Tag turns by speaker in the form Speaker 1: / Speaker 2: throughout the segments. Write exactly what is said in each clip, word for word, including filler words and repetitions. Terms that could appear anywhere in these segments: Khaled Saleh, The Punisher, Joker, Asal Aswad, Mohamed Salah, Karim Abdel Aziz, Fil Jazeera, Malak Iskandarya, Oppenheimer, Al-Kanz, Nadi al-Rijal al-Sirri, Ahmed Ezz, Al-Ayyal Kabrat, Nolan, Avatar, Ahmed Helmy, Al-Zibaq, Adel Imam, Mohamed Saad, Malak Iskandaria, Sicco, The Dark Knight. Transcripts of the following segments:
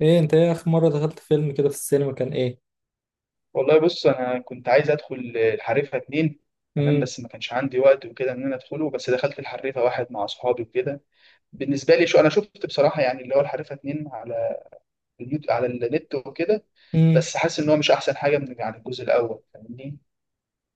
Speaker 1: ايه، انت ايه اخر مرة دخلت فيلم كده في السينما كان ايه؟
Speaker 2: والله بص، انا كنت عايز ادخل الحريفه اتنين. تمام
Speaker 1: امم.
Speaker 2: بس ما كانش عندي وقت وكده ان انا ادخله. بس دخلت الحريفه واحد مع اصحابي وكده. بالنسبه لي، شو انا شفت بصراحه يعني اللي هو الحريفه اتنين على اليوت على النت وكده.
Speaker 1: امم.
Speaker 2: بس حاسس ان هو مش احسن حاجه من، يعني، الجزء الاول. فاهمني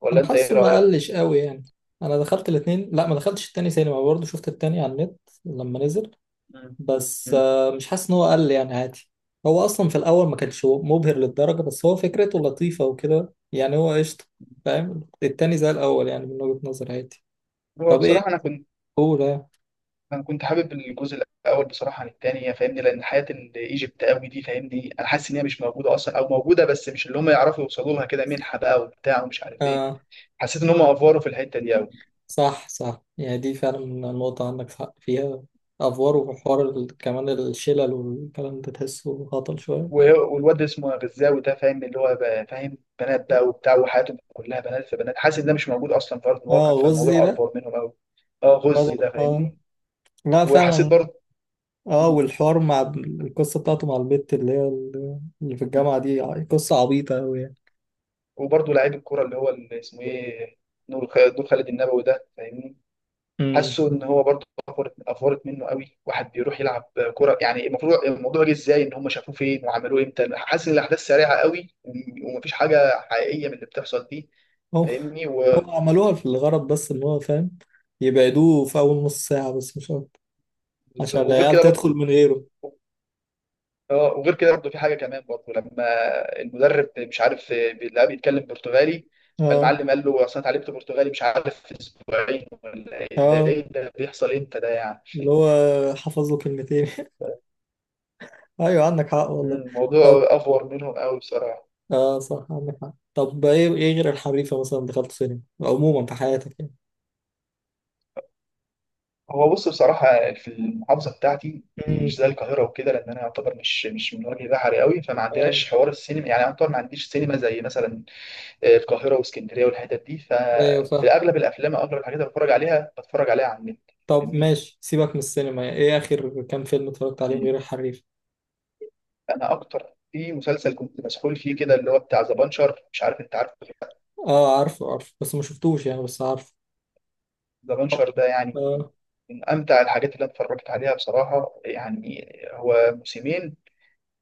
Speaker 2: ولا
Speaker 1: انا
Speaker 2: انت؟ ايه
Speaker 1: حاسه ما
Speaker 2: رايك؟
Speaker 1: قلش قوي يعني. انا دخلت الاتنين، لا ما دخلتش التاني سينما، برضه شفت التاني على النت لما نزل.
Speaker 2: مم.
Speaker 1: بس
Speaker 2: مم.
Speaker 1: آه، مش حاسس ان هو قل يعني عادي. هو اصلا في الاول ما كانش مبهر للدرجة، بس هو فكرته لطيفة وكده يعني هو قشطة. فاهم التاني زي الاول يعني، من وجهة نظري عادي.
Speaker 2: هو
Speaker 1: طب ايه.
Speaker 2: بصراحه انا كنت
Speaker 1: قول.
Speaker 2: انا كنت حابب الجزء الاول بصراحه عن التاني، فاهمني، لان حياه الايجيبت قوي دي، فاهمني، انا حاسس ان هي مش موجوده اصلا، او موجوده بس مش اللي هم يعرفوا يوصلوا لها كده منحه بقى وبتاع ومش عارف ايه.
Speaker 1: اه،
Speaker 2: حسيت ان هم افوروا في الحته دي قوي.
Speaker 1: صح صح يعني دي فعلا النقطة عندك حق فيها. أفوار وحوار ال- كمان الشلل والكلام ده تحسه هطل شوية.
Speaker 2: والواد اسمه غزاوي ده فاهم، اللي هو، بقى فاهم بنات بقى وبتاع وحياتهم كلها بنات في بنات. حاسس ان ده مش موجود اصلا في ارض
Speaker 1: اه
Speaker 2: الواقع،
Speaker 1: غزي
Speaker 2: فالموضوع
Speaker 1: ده.
Speaker 2: افور منهم قوي. اه، غزي
Speaker 1: بدل
Speaker 2: ده،
Speaker 1: اه.
Speaker 2: فاهمني.
Speaker 1: لا
Speaker 2: وحسيت
Speaker 1: فعلا.
Speaker 2: برضه.
Speaker 1: اه،
Speaker 2: مم.
Speaker 1: والحوار مع ال- القصة بتاعته مع البت اللي هي ال- اللي في
Speaker 2: مم.
Speaker 1: الجامعة دي ع- قصة عبيطة أوي يعني.
Speaker 2: وبرضه لعيب الكوره اللي هو اللي اسمه ايه، نور خ- نور خالد النبوي ده، فاهمني.
Speaker 1: أمم.
Speaker 2: حاسه ان هو برضه افورت افورت منه قوي. واحد بيروح يلعب كوره، يعني المفروض الموضوع جه ازاي؟ ان هم شافوه فين وعملوه امتى؟ حاسس ان الاحداث سريعه قوي وم- ومفيش حاجه حقيقيه من اللي بتحصل فيه.
Speaker 1: هو
Speaker 2: فاهمني.
Speaker 1: هو عملوها في الغرض، بس إن هو فاهم يبعدوه في أول نص ساعة بس مش أكتر،
Speaker 2: بز-
Speaker 1: عشان
Speaker 2: وغير
Speaker 1: العيال
Speaker 2: كده
Speaker 1: تدخل
Speaker 2: برضه.
Speaker 1: من غيره.
Speaker 2: اه، وغير كده برضه في حاجه كمان برضه لما المدرب مش عارف بيلاقيه بيتكلم برتغالي.
Speaker 1: اه
Speaker 2: فالمعلم قال له اصل انا اتعلمت برتغالي، مش عارف، في اسبوعين ولا ايه؟ ده
Speaker 1: اه،
Speaker 2: ايه ده؟ بيحصل امتى ده يعني؟
Speaker 1: اللي هو حفظ له كلمتين أيوه عندك حق
Speaker 2: مم،
Speaker 1: والله. طب.
Speaker 2: الموضوع افور منهم قوي بصراحه.
Speaker 1: اه صح عندك حق. طب ايه ايه غير الحريفة مثلا دخلت سينما عموما في حياتك يعني؟
Speaker 2: هو بص، بصراحه، في المحافظه بتاعتي يعني مش زي
Speaker 1: امم.
Speaker 2: القاهره وكده، لان انا يعتبر مش مش من وجه بحري قوي. فما
Speaker 1: اه
Speaker 2: عندناش حوار السينما يعني، يعتبر ما عنديش سينما زي مثلا القاهره واسكندريه والحتت دي.
Speaker 1: ايوه
Speaker 2: ففي
Speaker 1: فاهم.
Speaker 2: اغلب الافلام او اغلب الحاجات اللي بتفرج عليها بتفرج عليها على النت،
Speaker 1: طب
Speaker 2: فاهمني.
Speaker 1: ماشي، سيبك من السينما، يعني ايه اخر كام فيلم اتفرجت عليهم
Speaker 2: مم.
Speaker 1: غير الحريفة؟
Speaker 2: انا اكتر في مسلسل كنت مسحول فيه كده، اللي هو بتاع ذا بانشر. مش عارف، انت عارفه ولا لأ.
Speaker 1: اه، عارفه عارفه بس ما شفتوش يعني، بس عارفه.
Speaker 2: ذا
Speaker 1: اه
Speaker 2: بانشر ده يعني
Speaker 1: آه.
Speaker 2: من امتع الحاجات اللي انا اتفرجت عليها بصراحه يعني. هو موسمين.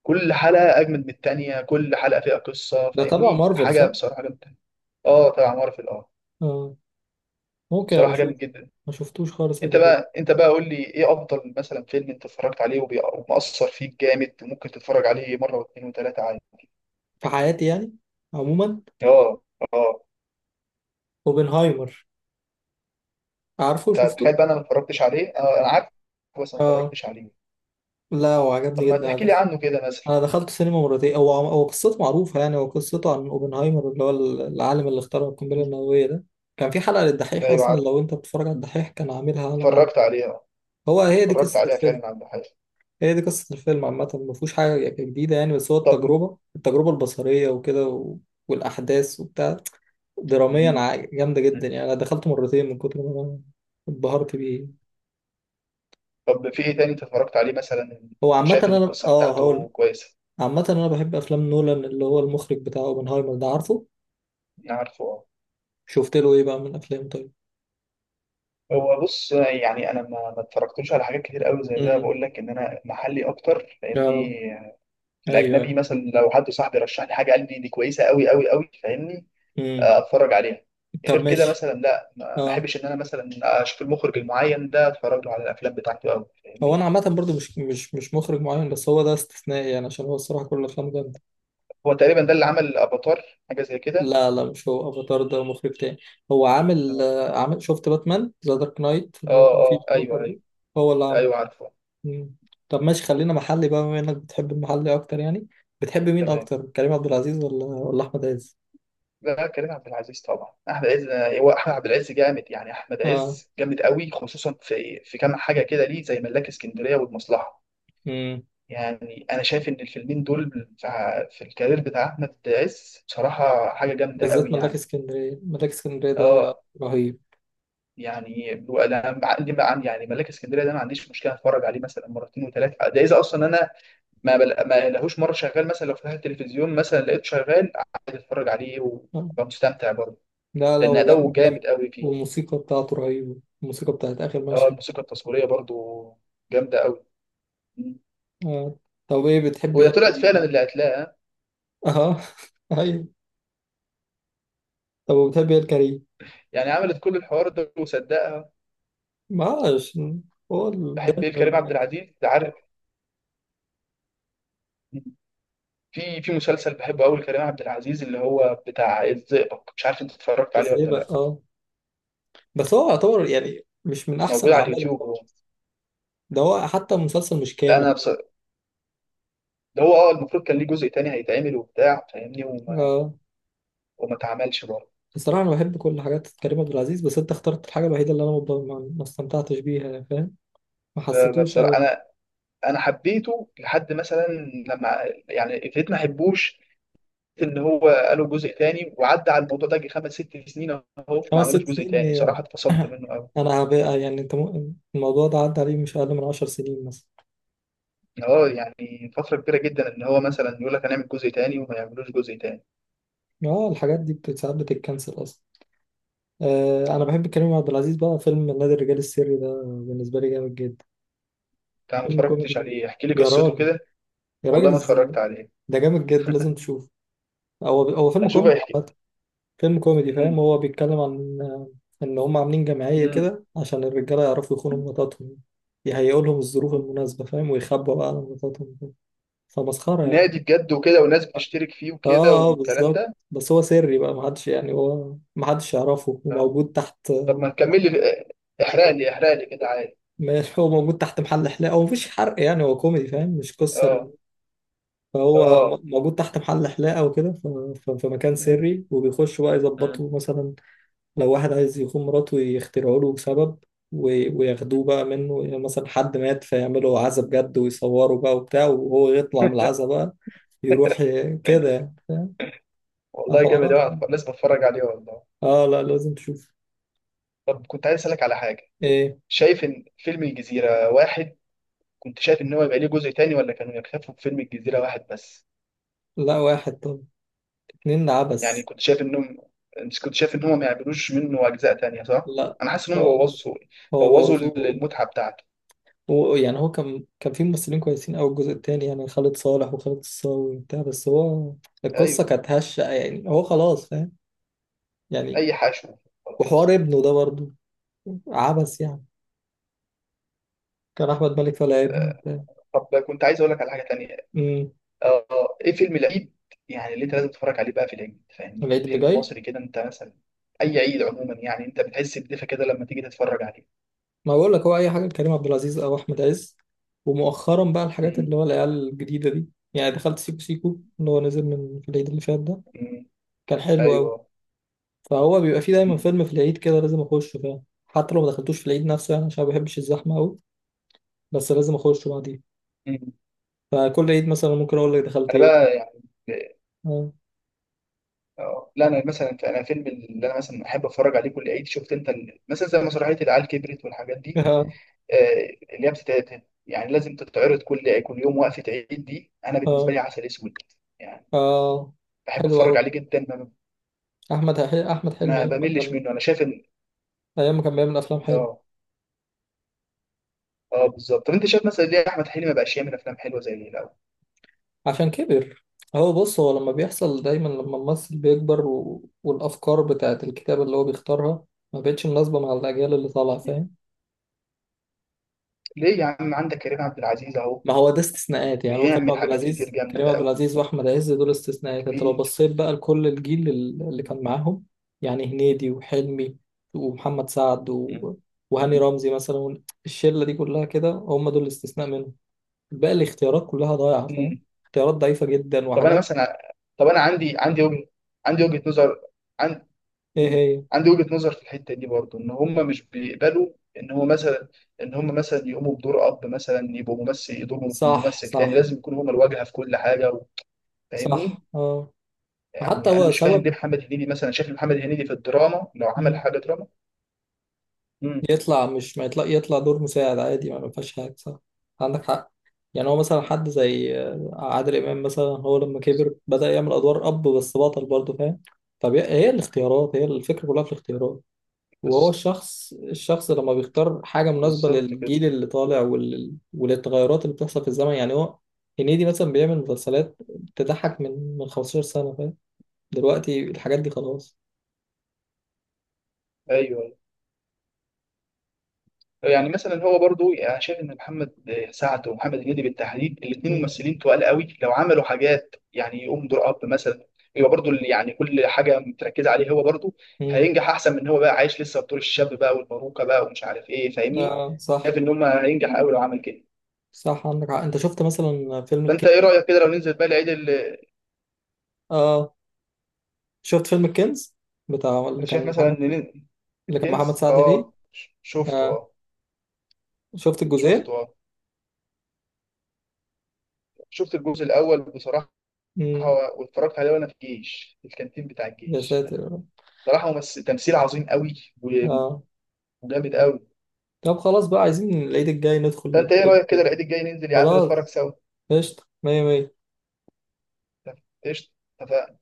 Speaker 2: كل حلقه اجمد من التانيه، كل حلقه فيها قصه،
Speaker 1: ده تبع
Speaker 2: فاهمني.
Speaker 1: مارفل
Speaker 2: حاجه
Speaker 1: صح؟
Speaker 2: بصراحه جامده. اه، تبع مارفل، اه.
Speaker 1: آه. ممكن ابقى
Speaker 2: بصراحه
Speaker 1: اشوف.
Speaker 2: جامد جدا.
Speaker 1: ما شفتوش خالص
Speaker 2: انت
Speaker 1: قبل كده.
Speaker 2: بقى انت بقى قول لي: ايه افضل مثلا فيلم انت اتفرجت عليه وبي- ومأثر فيك جامد وممكن تتفرج عليه مره واثنين وثلاثه عادي؟
Speaker 1: في حياتي يعني. عموما.
Speaker 2: اه. اه.
Speaker 1: اوبنهايمر. عارفه
Speaker 2: انت
Speaker 1: شفته.
Speaker 2: تخيل بقى، انا ما اتفرجتش عليه. انا انا عارف. بس ما
Speaker 1: اه
Speaker 2: اتفرجتش عليه.
Speaker 1: لا،
Speaker 2: طب
Speaker 1: وعجبني
Speaker 2: ما
Speaker 1: جدا
Speaker 2: تحكي
Speaker 1: ده.
Speaker 2: لي عنه كده مثلا.
Speaker 1: انا دخلت سينما مرتين، هو عم- هو قصته معروفه يعني، هو قصته عن اوبنهايمر اللي هو ال- العالم اللي اخترع القنبله النوويه ده. كان في حلقه
Speaker 2: ده،
Speaker 1: للدحيح
Speaker 2: ايوه،
Speaker 1: اصلا،
Speaker 2: عارف.
Speaker 1: لو انت بتتفرج على الدحيح كان عاملها عنه.
Speaker 2: اتفرجت عليه، اه.
Speaker 1: هو هي دي
Speaker 2: اتفرجت
Speaker 1: قصه
Speaker 2: عليها
Speaker 1: الفيلم.
Speaker 2: فعلا عند حاجه.
Speaker 1: هي دي قصه الفيلم عامه، ما فيهوش حاجه يعني جديده يعني، بس هو
Speaker 2: طب.
Speaker 1: التجربه التجربه البصريه وكده و... والاحداث وبتاع. دراميا
Speaker 2: مم.
Speaker 1: ع- جامده
Speaker 2: مم.
Speaker 1: جدا يعني، انا دخلته مرتين من كتر ما انا اتبهرت بيه.
Speaker 2: طب في ايه تاني انت اتفرجت عليه مثلا؟
Speaker 1: هو عامه
Speaker 2: وشايف ان
Speaker 1: انا
Speaker 2: القصه
Speaker 1: اه
Speaker 2: بتاعته
Speaker 1: هقول.
Speaker 2: كويسه؟
Speaker 1: عامه انا بحب افلام نولان اللي هو المخرج بتاع اوبنهايمر ده، عارفه.
Speaker 2: انا عارفه، اه.
Speaker 1: شفت له ايه بقى من افلام طيب؟
Speaker 2: هو بص يعني انا ما ما اتفرجتلوش على حاجات كتير قوي زي ده.
Speaker 1: امم.
Speaker 2: بقول لك ان انا محلي اكتر لاني
Speaker 1: اه
Speaker 2: في
Speaker 1: ايوه
Speaker 2: الاجنبي،
Speaker 1: أيوة.
Speaker 2: مثلا لو حد صاحبي رشح لي حاجه قال لي دي كويسه قوي قوي قوي، فاهمني،
Speaker 1: امم.
Speaker 2: آه، اتفرج عليها.
Speaker 1: طب
Speaker 2: غير كده
Speaker 1: ماشي.
Speaker 2: مثلا لا، ما ما
Speaker 1: اه.
Speaker 2: احبش ان انا مثلا اشوف المخرج المعين ده اتفرج له على الافلام بتاعته قوي،
Speaker 1: هو
Speaker 2: فاهمني.
Speaker 1: انا عامه برضو مش مش مش مخرج معين، بس هو ده استثنائي يعني عشان هو الصراحه كل افلامه جامده.
Speaker 2: هو تقريبا ده اللي عمل افاتار، حاجه زي كده.
Speaker 1: لا لا، مش هو افاتار، ده مخرج تاني. هو عامل
Speaker 2: اه.
Speaker 1: آه، عامل شفت باتمان ذا دارك نايت
Speaker 2: اه،
Speaker 1: اللي هو كان فيه
Speaker 2: آه، ايوه،
Speaker 1: جوكر ده؟
Speaker 2: ايوه.
Speaker 1: هو اللي عامله.
Speaker 2: ايوه، عارفه.
Speaker 1: امم. طب ماشي، خلينا محلي بقى بما انك بتحب المحلي اكتر يعني. بتحب مين
Speaker 2: تمام.
Speaker 1: اكتر كريم عبد العزيز ولا ولا احمد عز؟
Speaker 2: لا، كريم عبد العزيز طبعا. احمد عز. هو احمد عبد العز جامد يعني، احمد
Speaker 1: اه.
Speaker 2: عز جامد قوي خصوصا في في كام حاجه كده ليه زي ملاك اسكندريه والمصلحه.
Speaker 1: امم.
Speaker 2: يعني انا شايف ان الفيلمين دول في في الكارير بتاع احمد عز بصراحه حاجه جامده قوي
Speaker 1: بالذات ملاك
Speaker 2: يعني.
Speaker 1: اسكندريه، ملاك اسكندريه ده
Speaker 2: اه.
Speaker 1: رهيب.
Speaker 2: يعني انا عندي بقى، عندي يعني ملاك اسكندريه ده ما عنديش مشكله اتفرج عليه مثلا مرتين وثلاثه. ده اذا اصلا انا ما بل... ما لهوش مره شغال. مثلا لو فتحت التلفزيون مثلا لقيته شغال عادي اتفرج عليه
Speaker 1: آه.
Speaker 2: وابقى مستمتع برضه.
Speaker 1: لا لا،
Speaker 2: لان
Speaker 1: هو جا-
Speaker 2: اداؤه
Speaker 1: جامد.
Speaker 2: جامد قوي فيه.
Speaker 1: والموسيقى بتاعته رهيبة، الموسيقى بتاعت آخر
Speaker 2: اه،
Speaker 1: مشهد.
Speaker 2: الموسيقى التصويريه برضه جامده قوي.
Speaker 1: آه. طب إيه بتحب إيه
Speaker 2: وهي طلعت
Speaker 1: الكريم
Speaker 2: فعلا
Speaker 1: بقى؟
Speaker 2: اللي هتلاقيها.
Speaker 1: أها. أيوة. طب وبتحب إيه الكريم؟
Speaker 2: يعني عملت كل الحوار ده وصدقها.
Speaker 1: معلش. هو ال- ده
Speaker 2: بحب ايه
Speaker 1: من
Speaker 2: كريم عبد
Speaker 1: المركب.
Speaker 2: العزيز ده، عارف، في في مسلسل بحبه قوي لكريم عبد العزيز اللي هو بتاع الزئبق. مش عارف، انت اتفرجت عليه
Speaker 1: إزاي
Speaker 2: ولا
Speaker 1: بقى؟
Speaker 2: لا.
Speaker 1: أه. بس هو يعتبر يعني مش من
Speaker 2: موجود
Speaker 1: أحسن
Speaker 2: على
Speaker 1: أعماله
Speaker 2: اليوتيوب هو.
Speaker 1: خالص. ده هو حتى المسلسل مش
Speaker 2: لا،
Speaker 1: كامل.
Speaker 2: انا بص. ده هو، اه، المفروض كان ليه جزء تاني هيتعمل وبتاع، فاهمني، وما
Speaker 1: أه.
Speaker 2: وما اتعملش برضه.
Speaker 1: بصراحة أنا بحب كل حاجات كريم عبد العزيز، بس أنت اخترت الحاجة الوحيدة اللي أنا ما ما استمتعتش بيها فاهم؟ ما
Speaker 2: ب-
Speaker 1: حسيتوش
Speaker 2: بصراحه،
Speaker 1: أوي.
Speaker 2: انا انا حبيته لحد مثلا لما، يعني، ابتديت ما احبوش ان هو قالوا جزء تاني، وعدى على الموضوع ده جه خمس ست سنين اهو. وما
Speaker 1: خمس
Speaker 2: عملوش
Speaker 1: ست
Speaker 2: جزء
Speaker 1: سنين
Speaker 2: تاني.
Speaker 1: ايه
Speaker 2: بصراحه
Speaker 1: يعني؟
Speaker 2: اتفصلت منه قوي.
Speaker 1: انا هبقى يعني، انت ممكن الموضوع ده عدى عليه مش اقل من عشر سنين مثلا.
Speaker 2: اه يعني فتره كبيره جدا ان هو مثلا يقول لك هنعمل جزء تاني وما يعملوش جزء تاني.
Speaker 1: اه، الحاجات دي بت- ساعات بتتكنسل اصلا. آه، انا بحب كريم عبد العزيز بقى، فيلم نادي الرجال السري ده بالنسبه لي جامد جدا.
Speaker 2: انت ما
Speaker 1: فيلم كوميدي
Speaker 2: اتفرجتش
Speaker 1: جدا.
Speaker 2: عليه؟ احكي لي
Speaker 1: يا
Speaker 2: قصته
Speaker 1: راجل.
Speaker 2: كده.
Speaker 1: يا راجل
Speaker 2: والله ما اتفرجت
Speaker 1: ازاي.
Speaker 2: عليه.
Speaker 1: ده جامد جدا لازم تشوفه. هو هو فيلم
Speaker 2: اشوف
Speaker 1: كوميدي
Speaker 2: هيحكي.
Speaker 1: عامه. فيلم كوميدي فاهم،
Speaker 2: مم.
Speaker 1: هو بيتكلم عن آه، ان هم عاملين جمعيه
Speaker 2: مم.
Speaker 1: كده عشان الرجاله يعرفوا يخونوا مراتاتهم. يهيئوا لهم الظروف المناسبه فاهم، ويخبوا بقى على مراتاتهم. فمسخره يعني.
Speaker 2: نادي بجد وكده وناس بتشترك فيه وكده
Speaker 1: اه اه
Speaker 2: والكلام
Speaker 1: بالظبط،
Speaker 2: ده؟
Speaker 1: بس هو سري بقى، محدش يعني هو محدش يعرفه،
Speaker 2: آه.
Speaker 1: وموجود تحت.
Speaker 2: طب ما تكمل لي. احرق لي احرق لي كده عادي.
Speaker 1: ماشي، هو موجود تحت محل حلاقة، هو مفيش حرق يعني، هو كوميدي فاهم مش قصة.
Speaker 2: اه.
Speaker 1: فهو
Speaker 2: اه.
Speaker 1: م- موجود تحت محل حلاقة وكده ف- ف- في مكان
Speaker 2: مم.
Speaker 1: سري، وبيخشوا بقى
Speaker 2: مم.
Speaker 1: يظبطوا مثلا لو واحد عايز يخون مراته يخترعوا له سبب و-
Speaker 2: مم.
Speaker 1: وياخدوه بقى منه، يعني مثلا حد مات فيعملوا عزا بجد ويصوروا بقى وبتاع، وهو يطلع من العزا بقى يروح ي- كده يعني فاهم؟
Speaker 2: والله جامد
Speaker 1: حوارات
Speaker 2: قوي،
Speaker 1: يعني.
Speaker 2: لازم اتفرج عليه والله.
Speaker 1: اه لا، لازم تشوف.
Speaker 2: طب كنت عايز اسالك على حاجه.
Speaker 1: ايه.
Speaker 2: شايف ان فيلم الجزيره واحد، كنت شايف ان هو يبقى ليه جزء تاني ولا كانوا يكتفوا بفيلم الجزيره واحد بس؟
Speaker 1: لا واحد. طب اتنين
Speaker 2: يعني
Speaker 1: عبس.
Speaker 2: كنت شايف انهم، انت كنت شايف ان هم ما يعملوش منه اجزاء تانية صح؟
Speaker 1: لا
Speaker 2: انا حاسس ان هم
Speaker 1: خالص.
Speaker 2: بوظوا
Speaker 1: هو
Speaker 2: بوظوا
Speaker 1: بوظوه.
Speaker 2: المتعة بتاعته.
Speaker 1: هو يعني هو كان كان في ممثلين كويسين أوي الجزء التاني يعني، خالد صالح وخالد الصاوي وبتاع، بس هو
Speaker 2: ايوه.
Speaker 1: القصة كانت هشة يعني، هو خلاص فاهم يعني.
Speaker 2: اي حشو. خلاص.
Speaker 1: وحوار ابنه ده برضه عبس يعني. كان أحمد مالك طالع ابنه
Speaker 2: آه.
Speaker 1: وبتاع.
Speaker 2: طب كنت عايز اقول لك على حاجة تانية.
Speaker 1: أمم.
Speaker 2: اه، ايه فيلم العيد يعني اللي انت لازم تتفرج عليه بقى في العيد، فاهمني؟
Speaker 1: العيد اللي
Speaker 2: فيلم
Speaker 1: جاي،
Speaker 2: مصري كده انت مثلا. اي عيد عموما يعني، انت بتحس بدفى كده لما تيجي تتفرج عليه.
Speaker 1: ما بقول لك هو أي حاجة لكريم عبد العزيز أو أحمد عز، ومؤخرا بقى الحاجات
Speaker 2: امم.
Speaker 1: اللي هو العيال الجديدة دي. يعني دخلت سيكو سيكو اللي هو نزل من في العيد اللي فات ده.
Speaker 2: امم.
Speaker 1: كان حلو أوي.
Speaker 2: ايوه.
Speaker 1: فهو بيبقى فيه دايما
Speaker 2: امم.
Speaker 1: فيلم في العيد كده لازم اخشه فاهم، حتى لو ما دخلتوش في العيد نفسه يعني، عشان ما بحبش الزحمه قوي، بس لازم اخشه بعديه.
Speaker 2: امم.
Speaker 1: فكل عيد مثلا ممكن اقول لك دخلت
Speaker 2: انا بقى
Speaker 1: ايه.
Speaker 2: يعني.
Speaker 1: اه
Speaker 2: اه، لا، انا مثلا، انا فيلم اللي انا مثلا احب اتفرج عليه كل عيد، شفت انت ال- مثلا زي مسرحيه العيال كبرت والحاجات دي.
Speaker 1: اه
Speaker 2: آه، اللي هي بتتعرض يعني لازم تتعرض كل كل يوم وقفه عيد دي. انا بالنسبه لي
Speaker 1: اه
Speaker 2: عسل اسود. يعني
Speaker 1: آه.
Speaker 2: بحب
Speaker 1: حلو قوي.
Speaker 2: اتفرج عليه جدا، ما,
Speaker 1: احمد احمد حلمي
Speaker 2: ما
Speaker 1: ايام ما
Speaker 2: بملش
Speaker 1: كان،
Speaker 2: منه. انا شايف ان،
Speaker 1: ايام ما كان بيعمل افلام حلوه.
Speaker 2: اه، اه، بالظبط. طب انت شايف مثلا ليه احمد حلمي ما بقاش يعمل افلام حلوه زي اللي الاول؟
Speaker 1: عشان كبر. هو بص، هو لما بيحصل دايما لما الممثل بيكبر و... والافكار بتاعت الكتاب اللي هو بيختارها ما بقتش مناسبه مع الاجيال اللي طالعه
Speaker 2: مم.
Speaker 1: فاهم.
Speaker 2: ليه يا عم؟ عندك كريم عبد العزيز اهو
Speaker 1: ما هو ده استثناءات يعني، هو كريم
Speaker 2: بيعمل
Speaker 1: عبد
Speaker 2: حاجات كتير
Speaker 1: العزيز كريم
Speaker 2: جامده
Speaker 1: عبد
Speaker 2: قوي،
Speaker 1: العزيز واحمد عز دول استثناءات، انت لو
Speaker 2: وكبير.
Speaker 1: بصيت بقى لكل الجيل ال- اللي كان معاهم، يعني هنيدي وحلمي، ومحمد سعد
Speaker 2: مم.
Speaker 1: و... وهاني رمزي مثلا، الشله دي كلها كده هم دول الاستثناء منهم. باقي الاختيارات كلها ضايعه فاهم.
Speaker 2: مم.
Speaker 1: اختيارات ضعيفه جدا
Speaker 2: طب انا
Speaker 1: وحاجات.
Speaker 2: مثلا، طب انا عندي عندي وجهة، عندي وجهة نظر عن...
Speaker 1: ايه
Speaker 2: مم.
Speaker 1: هي؟
Speaker 2: عندي وجهة نظر في الحتة دي برضو، ان هم مش بيقبلوا ان هو مثلا، ان هم مثلا يقوموا بدور اب مثلا. يبقوا ممثل يدورهم في
Speaker 1: صح
Speaker 2: ممثل تاني؟
Speaker 1: صح
Speaker 2: لازم يكونوا هم الواجهة في كل حاجة و- فاهمني.
Speaker 1: صح. اه حتى
Speaker 2: يعني انا
Speaker 1: هو
Speaker 2: مش فاهم ليه
Speaker 1: سبب
Speaker 2: محمد هنيدي مثلا. شايف محمد هنيدي في الدراما لو عمل حاجة دراما. امم.
Speaker 1: يطلع، مش ما يطلع يطلع دور مساعد عادي ما ما فيهاش حاجة صح. عندك حق. يعني هو مثلا حد زي آه، عادل إمام مثلا هو لما كبر بدأ يعمل أدوار أب بس بطل برضه فاهم. طب هي هي الاختيارات، هي الفكرة كلها في الاختيارات. وهو
Speaker 2: بس
Speaker 1: الشخص الشخص لما بيختار حاجة مناسبة
Speaker 2: بالظبط كده.
Speaker 1: للجيل اللي طالع وال... وللتغيرات اللي بتحصل في الزمن يعني. هو هنيدي مثلا بيعمل مسلسلات تضحك من من خمسة عشر سنة فاهم، دلوقتي الحاجات دي خلاص.
Speaker 2: ايوه. يعني مثلا، هو برضو يعني، انا شايف ان محمد سعد ومحمد هنيدي بالتحديد، الاثنين
Speaker 1: امم.
Speaker 2: ممثلين تقال قوي لو عملوا حاجات. يعني يقوم دور اب مثلا. يبقى برضو اللي يعني كل حاجه متركزه عليه هو برضو.
Speaker 1: امم.
Speaker 2: هينجح احسن من ان هو بقى عايش لسه في دور الشاب بقى والباروكه بقى ومش عارف ايه، فاهمني.
Speaker 1: آه صح.
Speaker 2: شايف ان هم هينجح قوي لو عمل كده.
Speaker 1: صح عندك حق. انت شفت مثلا فيلم الكنز؟
Speaker 2: فانت ايه رايك كده لو ننزل بقى العيد ال-
Speaker 1: اه شفت فيلم الكنز بتاع، اللي
Speaker 2: انت شايف
Speaker 1: كان
Speaker 2: مثلا
Speaker 1: محمد،
Speaker 2: إن نن-
Speaker 1: اللي كان محمد
Speaker 2: الكنز،
Speaker 1: سعد فيه.
Speaker 2: اه، ش- شفته،
Speaker 1: اه
Speaker 2: اه.
Speaker 1: شفت الجزئين.
Speaker 2: شفته، اه. شفت الجزء الاول بصراحه.
Speaker 1: امم.
Speaker 2: واتفرجت عليه وانا في الجيش، في الكانتين بتاع
Speaker 1: يا
Speaker 2: الجيش.
Speaker 1: ساتر يا رب.
Speaker 2: صراحه ممثل تمثيل عظيم قوي
Speaker 1: اه
Speaker 2: وجامد قوي.
Speaker 1: طب، خلاص بقى، عايزين العيد الجاي ندخل
Speaker 2: فانت ايه
Speaker 1: الفيلم
Speaker 2: رايك كده
Speaker 1: كده.
Speaker 2: العيد الجاي ننزل يا عم نتفرج
Speaker 1: خلاص.
Speaker 2: سوا؟
Speaker 1: قشطة، مية مية.
Speaker 2: قشطه. اتفقنا.